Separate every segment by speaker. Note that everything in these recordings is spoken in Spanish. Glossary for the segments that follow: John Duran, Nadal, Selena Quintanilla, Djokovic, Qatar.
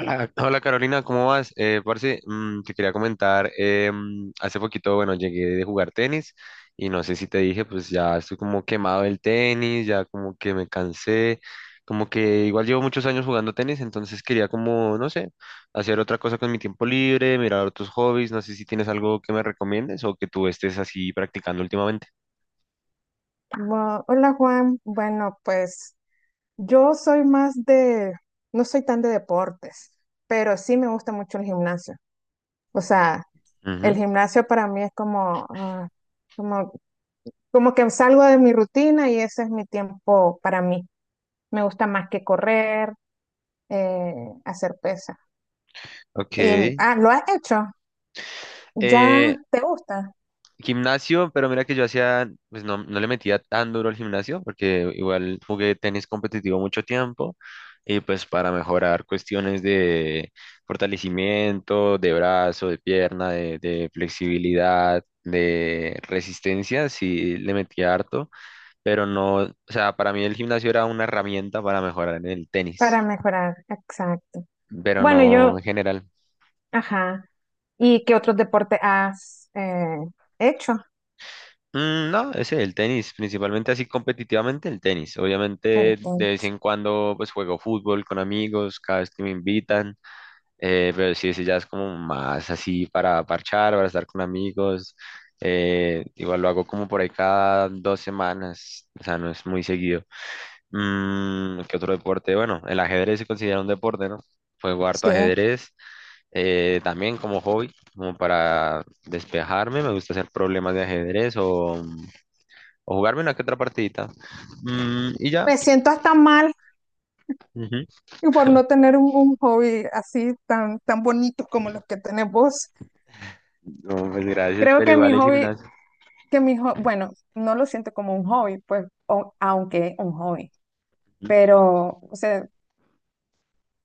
Speaker 1: Hola, hola Carolina, ¿cómo vas? Parce, te quería comentar, hace poquito, bueno, llegué de jugar tenis y no sé si te dije, pues ya estoy como quemado del tenis, ya como que me cansé, como que igual llevo muchos años jugando tenis, entonces quería como, no sé, hacer otra cosa con mi tiempo libre, mirar otros hobbies, no sé si tienes algo que me recomiendes o que tú estés así practicando últimamente.
Speaker 2: Hola Juan, bueno, pues yo soy más de, no soy tan de deportes, pero sí me gusta mucho el gimnasio. O sea, el
Speaker 1: Ujú.
Speaker 2: gimnasio para mí es como, como, como que salgo de mi rutina y ese es mi tiempo para mí. Me gusta más que correr, eh, hacer pesa.
Speaker 1: Ok.
Speaker 2: Y, ¿lo has hecho? ¿Ya
Speaker 1: Eh,
Speaker 2: te gusta?
Speaker 1: gimnasio, pero mira que yo hacía, pues no le metía tan duro al gimnasio, porque igual jugué tenis competitivo mucho tiempo, y pues para mejorar cuestiones de fortalecimiento, de brazo, de pierna, de flexibilidad, de resistencia, sí le metía harto, pero no, o sea, para mí el gimnasio era una herramienta para mejorar en el
Speaker 2: Para
Speaker 1: tenis,
Speaker 2: mejorar, exacto.
Speaker 1: pero
Speaker 2: Bueno,
Speaker 1: no
Speaker 2: yo,
Speaker 1: en general.
Speaker 2: ajá. ¿Y qué otros deportes has hecho?
Speaker 1: No, ese, el tenis, principalmente así competitivamente el tenis.
Speaker 2: El
Speaker 1: Obviamente de vez
Speaker 2: punto.
Speaker 1: en cuando pues juego fútbol con amigos, cada vez que me invitan, pero sí, ese ya es como más así para parchar, para estar con amigos. Igual lo hago como por ahí cada dos semanas, o sea, no es muy seguido. ¿Qué otro deporte? Bueno, el ajedrez se considera un deporte, ¿no? Juego harto
Speaker 2: Sí,
Speaker 1: ajedrez, también como hobby, como para despejarme, me gusta hacer problemas de ajedrez o jugarme una que otra partidita. Y ya.
Speaker 2: me siento hasta mal
Speaker 1: Ujú.
Speaker 2: por no tener un hobby así tan bonito como los que tenés vos.
Speaker 1: No, pues gracias,
Speaker 2: Creo
Speaker 1: pero
Speaker 2: que mi
Speaker 1: igual el
Speaker 2: hobby,
Speaker 1: gimnasio.
Speaker 2: bueno, no lo siento como un hobby, pues, o- aunque es un hobby,
Speaker 1: ¿Sí?
Speaker 2: pero, o sea,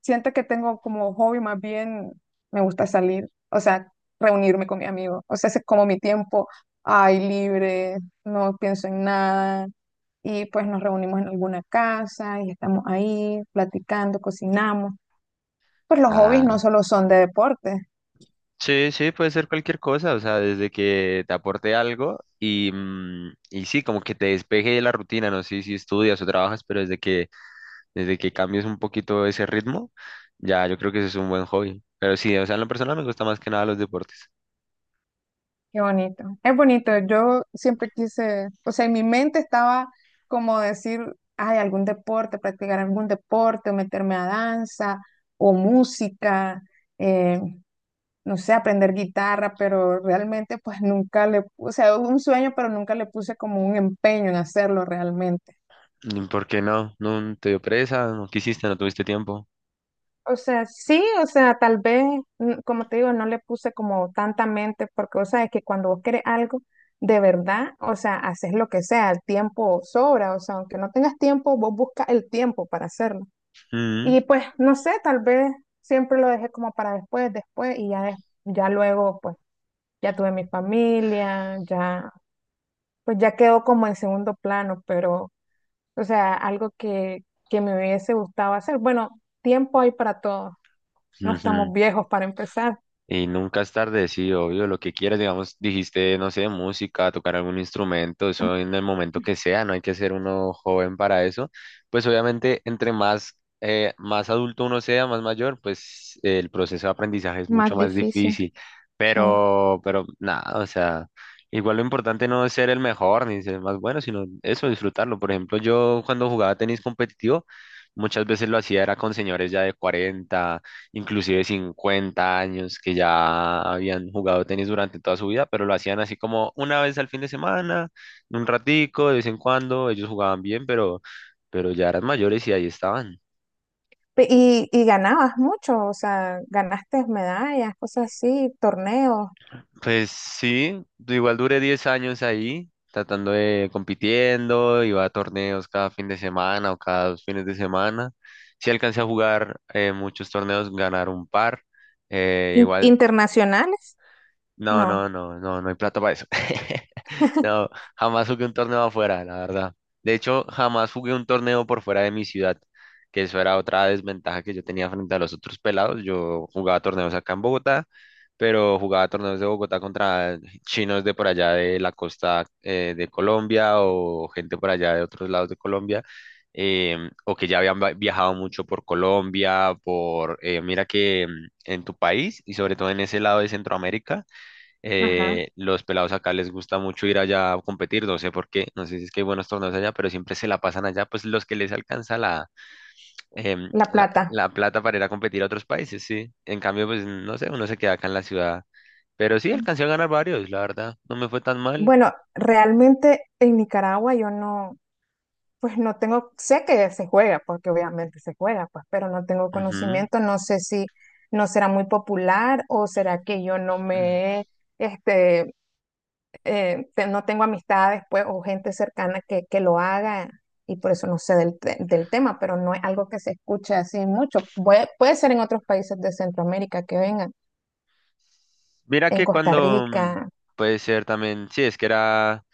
Speaker 2: siento que tengo como hobby más bien, me gusta salir, o sea, reunirme con mi amigo, o sea, ese es como mi tiempo, ay, libre, no pienso en nada y pues nos reunimos en alguna casa y estamos ahí platicando, cocinamos. Pues los hobbies no
Speaker 1: Ah,
Speaker 2: solo son de deporte.
Speaker 1: sí, sí, puede ser cualquier cosa, o sea, desde que te aporte algo y, y sí, como que te despeje de la rutina, no sé si estudias o trabajas, pero desde que cambies un poquito ese ritmo, ya yo creo que ese es un buen hobby. Pero sí, o sea, en lo personal me gusta más que nada los deportes.
Speaker 2: Qué bonito. Es bonito. Yo siempre quise, o sea, en mi mente estaba como decir, ay, algún deporte, practicar algún deporte, o meterme a danza o música, eh, no sé, aprender guitarra, pero realmente pues nunca le, o sea, un sueño, pero nunca le puse como un empeño en hacerlo realmente.
Speaker 1: ¿Por qué no? ¿No te dio presa? ¿No quisiste? ¿No tuviste tiempo?
Speaker 2: O sea, sí, o sea, tal vez, como te digo, no le puse como tanta mente, porque, o sea, es que cuando vos querés algo de verdad, o sea, haces lo que sea, el tiempo sobra, o sea, aunque no tengas tiempo, vos buscas el tiempo para hacerlo.
Speaker 1: Mm.
Speaker 2: Y pues, no sé, tal vez siempre lo dejé como para después, después, y ya, des- ya luego, pues, ya tuve mi familia, ya, pues ya quedó como en segundo plano, pero, o sea, algo que me hubiese gustado hacer. Bueno, tiempo hay para todo. No estamos
Speaker 1: Ujú.
Speaker 2: viejos para empezar.
Speaker 1: Y nunca es tarde, sí, obvio, lo que quieras, digamos, dijiste, no sé, música, tocar algún instrumento, eso en el momento que sea, no hay que ser uno joven para eso. Pues obviamente, entre más, más adulto uno sea, más mayor, pues el proceso de aprendizaje es mucho
Speaker 2: Más
Speaker 1: más
Speaker 2: difícil,
Speaker 1: difícil.
Speaker 2: sí.
Speaker 1: Pero nada, o sea, igual lo importante no es ser el mejor ni ser el más bueno, sino eso, disfrutarlo. Por ejemplo, yo cuando jugaba tenis competitivo, muchas veces lo hacía era con señores ya de 40 inclusive 50 años, que ya habían jugado tenis durante toda su vida, pero lo hacían así como una vez al fin de semana, un ratico, de vez en cuando, ellos jugaban bien, pero ya eran mayores y ahí estaban.
Speaker 2: Y ganabas mucho, o sea, ganaste medallas, cosas así, torneos
Speaker 1: Pues sí, igual duré 10 años ahí, tratando de compitiendo, iba a torneos cada fin de semana o cada dos fines de semana. Sí alcancé a jugar muchos torneos, ganar un par. Igual
Speaker 2: internacionales.
Speaker 1: No, no,
Speaker 2: No,
Speaker 1: no, no, no hay plata para eso. No, jamás jugué un torneo afuera, la verdad. De hecho, jamás jugué un torneo por fuera de mi ciudad, que eso era otra desventaja que yo tenía frente a los otros pelados. Yo jugaba torneos acá en Bogotá, pero jugaba torneos de Bogotá contra chinos de por allá de la costa de Colombia o gente por allá de otros lados de Colombia. O que ya habían viajado mucho por Colombia, por, mira que en tu país y sobre todo en ese lado de Centroamérica,
Speaker 2: ajá,
Speaker 1: los pelados acá les gusta mucho ir allá a competir, no sé por qué, no sé si es que hay buenos torneos allá, pero siempre se la pasan allá, pues los que les alcanza la,
Speaker 2: la plata.
Speaker 1: la plata para ir a competir a otros países, sí. En cambio, pues no sé, uno se queda acá en la ciudad. Pero sí, alcancé a ganar varios, la verdad, no me fue tan mal.
Speaker 2: Bueno, realmente en Nicaragua yo no, pues no tengo, sé que se juega, porque obviamente se juega, pues, pero no tengo
Speaker 1: Ujú.
Speaker 2: conocimiento, no sé si no será muy popular o será que yo no me he, este, te- no tengo amistades pues, o gente cercana que lo haga y por eso no sé del, te- del tema, pero no es algo que se escuche así mucho. Puede ser en otros países de Centroamérica que vengan,
Speaker 1: Mira
Speaker 2: en
Speaker 1: que
Speaker 2: Costa Rica,
Speaker 1: puede ser también, sí, es que era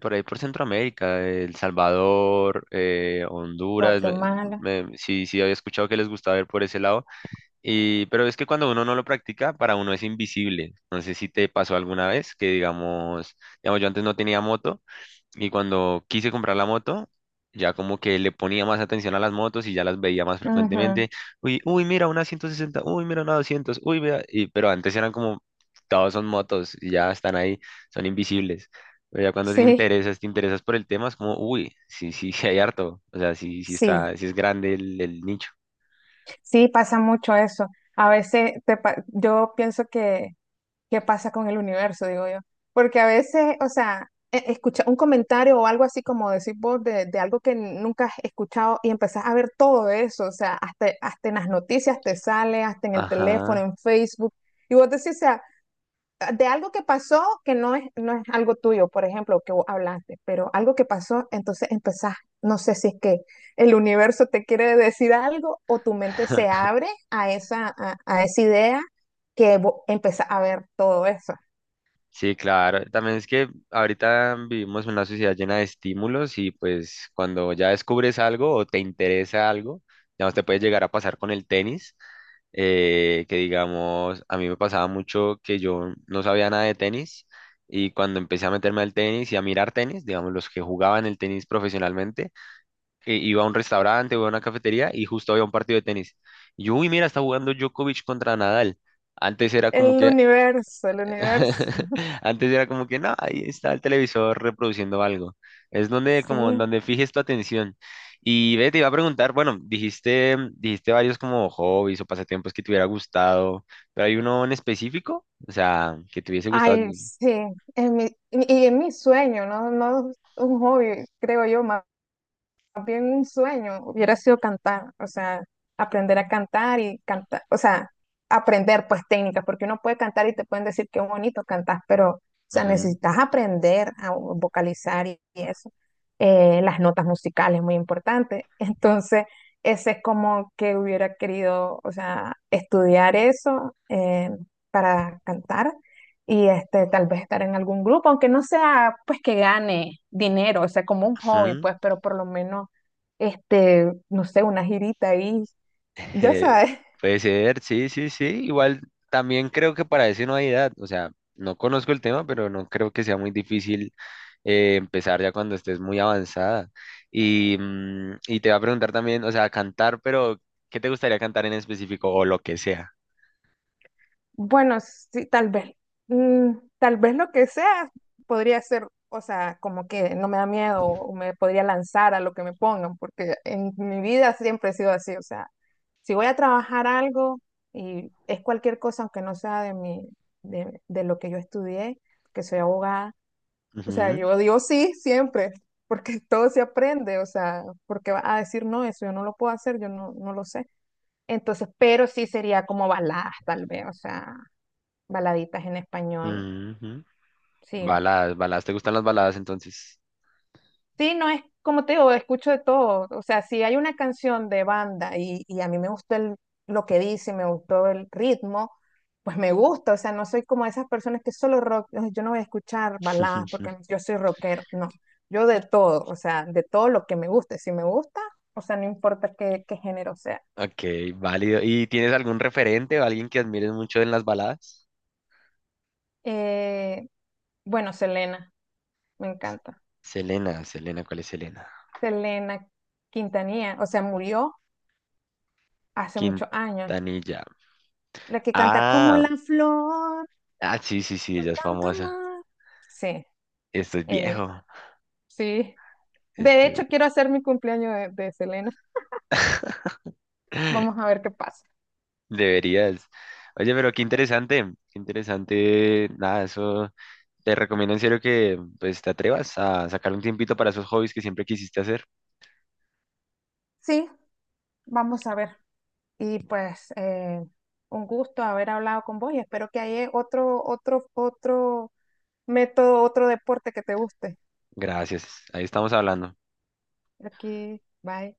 Speaker 1: por ahí por Centroamérica, El Salvador, Honduras,
Speaker 2: Guatemala.
Speaker 1: sí, sí, había escuchado que les gustaba ir por ese lado. Y, pero es que cuando uno no lo practica, para uno es invisible. No sé si te pasó alguna vez que, digamos, digamos, yo antes no tenía moto y cuando quise comprar la moto, ya como que le ponía más atención a las motos y ya las veía más
Speaker 2: Ujú.
Speaker 1: frecuentemente. Uy, uy, mira una 160, uy, mira una 200, uy, vea. Y, pero antes eran como, todos son motos y ya están ahí, son invisibles. Pero ya cuando te
Speaker 2: Sí,
Speaker 1: interesas, por el tema, es como, uy, sí, sí, sí hay harto. O sea, sí, sí
Speaker 2: sí,
Speaker 1: está, sí es grande el nicho.
Speaker 2: sí, pasa mucho eso. A veces te pa- yo pienso que qué pasa con el universo, digo yo. Porque a veces, o sea, e- escucha un comentario o algo así como decir vos de algo que nunca has escuchado y empezás a ver todo eso, o sea, hasta en las noticias te sale, hasta en el teléfono,
Speaker 1: Ajá.
Speaker 2: en Facebook, y vos decís, o sea, ah, de algo que pasó que no no es algo tuyo, por ejemplo, que vos hablaste, pero algo que pasó, entonces empezás, no sé si es que el universo te quiere decir algo o tu mente se abre a esa, a esa idea que vos empezás a ver todo eso.
Speaker 1: Sí, claro. También es que ahorita vivimos en una sociedad llena de estímulos y pues cuando ya descubres algo o te interesa algo, digamos, te puede llegar a pasar con el tenis, que digamos, a mí me pasaba mucho que yo no sabía nada de tenis y cuando empecé a meterme al tenis y a mirar tenis, digamos, los que jugaban el tenis profesionalmente, iba a un restaurante, iba a una cafetería y justo había un partido de tenis. Y yo, uy, mira, está jugando Djokovic contra Nadal. Antes era como que,
Speaker 2: El universo,
Speaker 1: antes era como que no, ahí está el televisor reproduciendo algo. Es donde como en
Speaker 2: sí.
Speaker 1: donde fijes tu atención. Y ve, te iba a preguntar, bueno, dijiste varios como hobbies o pasatiempos que te hubiera gustado, pero hay uno en específico, o sea, que te hubiese gustado.
Speaker 2: Ay, sí, en mi, y en mi sueño, ¿no? No un hobby, creo yo, más bien un sueño hubiera sido cantar, o sea, aprender a cantar y cantar, o sea, aprender pues técnicas, porque uno puede cantar y te pueden decir qué bonito cantas, pero, o sea,
Speaker 1: Ujú,
Speaker 2: necesitas aprender a vocalizar y eso. Las notas musicales, muy importante. Entonces, ese es como que hubiera querido, o sea, estudiar eso para cantar. Y este, tal vez estar en algún grupo, aunque no sea pues que gane dinero, o sea, como un hobby,
Speaker 1: ujú.
Speaker 2: pues, pero por lo menos este, no sé, una girita ahí, ya
Speaker 1: Eh,
Speaker 2: sabes.
Speaker 1: puede ser, sí, sí, sí. Igual también creo que para eso no hay edad, o sea, no conozco el tema, pero no creo que sea muy difícil empezar ya cuando estés muy avanzada. Y te va a preguntar también, o sea, cantar, pero ¿qué te gustaría cantar en específico o lo que sea?
Speaker 2: Bueno, sí, tal vez, tal vez lo que sea podría ser, o sea, como que no me da miedo o me podría lanzar a lo que me pongan, porque en mi vida siempre he sido así, o sea, si voy a trabajar algo y es cualquier cosa, aunque no sea de mi, de lo que yo estudié, que soy abogada, o sea,
Speaker 1: Ujú,
Speaker 2: yo digo sí siempre, porque todo se aprende, o sea, porque va a decir no, eso yo no lo puedo hacer, yo no, no lo sé. Entonces, pero sí sería como baladas, tal vez, o sea, baladitas en español.
Speaker 1: ujú.
Speaker 2: Sí,
Speaker 1: Baladas, baladas, ¿te gustan las baladas entonces?
Speaker 2: sí, no es como te digo, escucho de todo. O sea, si hay una canción de banda y a mí me gustó el- lo que dice, me gustó el ritmo, pues me gusta. O sea, no soy como esas personas que solo rock, "Ay, yo no voy a escuchar baladas
Speaker 1: Ujú.
Speaker 2: porque yo soy rockero". No, yo de todo, o sea, de todo lo que me guste. Si me gusta, o sea, no importa qué género sea.
Speaker 1: Ok, válido. ¿Y tienes algún referente o alguien que admires mucho en las baladas?
Speaker 2: Eh, bueno, Selena, me encanta.
Speaker 1: Selena, Selena, ¿cuál es Selena?
Speaker 2: Selena Quintanilla, o sea, murió hace muchos años.
Speaker 1: Quintanilla.
Speaker 2: La que canta como
Speaker 1: Ah,
Speaker 2: la flor,
Speaker 1: ah, sí, sí, sí,
Speaker 2: con
Speaker 1: ella es
Speaker 2: tanto
Speaker 1: famosa.
Speaker 2: amor. Sí,
Speaker 1: Esto es
Speaker 2: ella,
Speaker 1: viejo.
Speaker 2: sí. De
Speaker 1: Esto-
Speaker 2: hecho, quiero hacer mi cumpleaños de Selena. Vamos a ver qué pasa.
Speaker 1: Deberías. Oye, pero qué interesante, qué interesante. Nada, eso te recomiendo en serio que pues te atrevas a sacar un tiempito para esos hobbies que siempre quisiste hacer.
Speaker 2: Sí, vamos a ver. Y pues, un gusto haber hablado con vos y espero que haya otro método, otro deporte que te guste.
Speaker 1: Gracias. Ahí estamos hablando.
Speaker 2: Aquí, bye.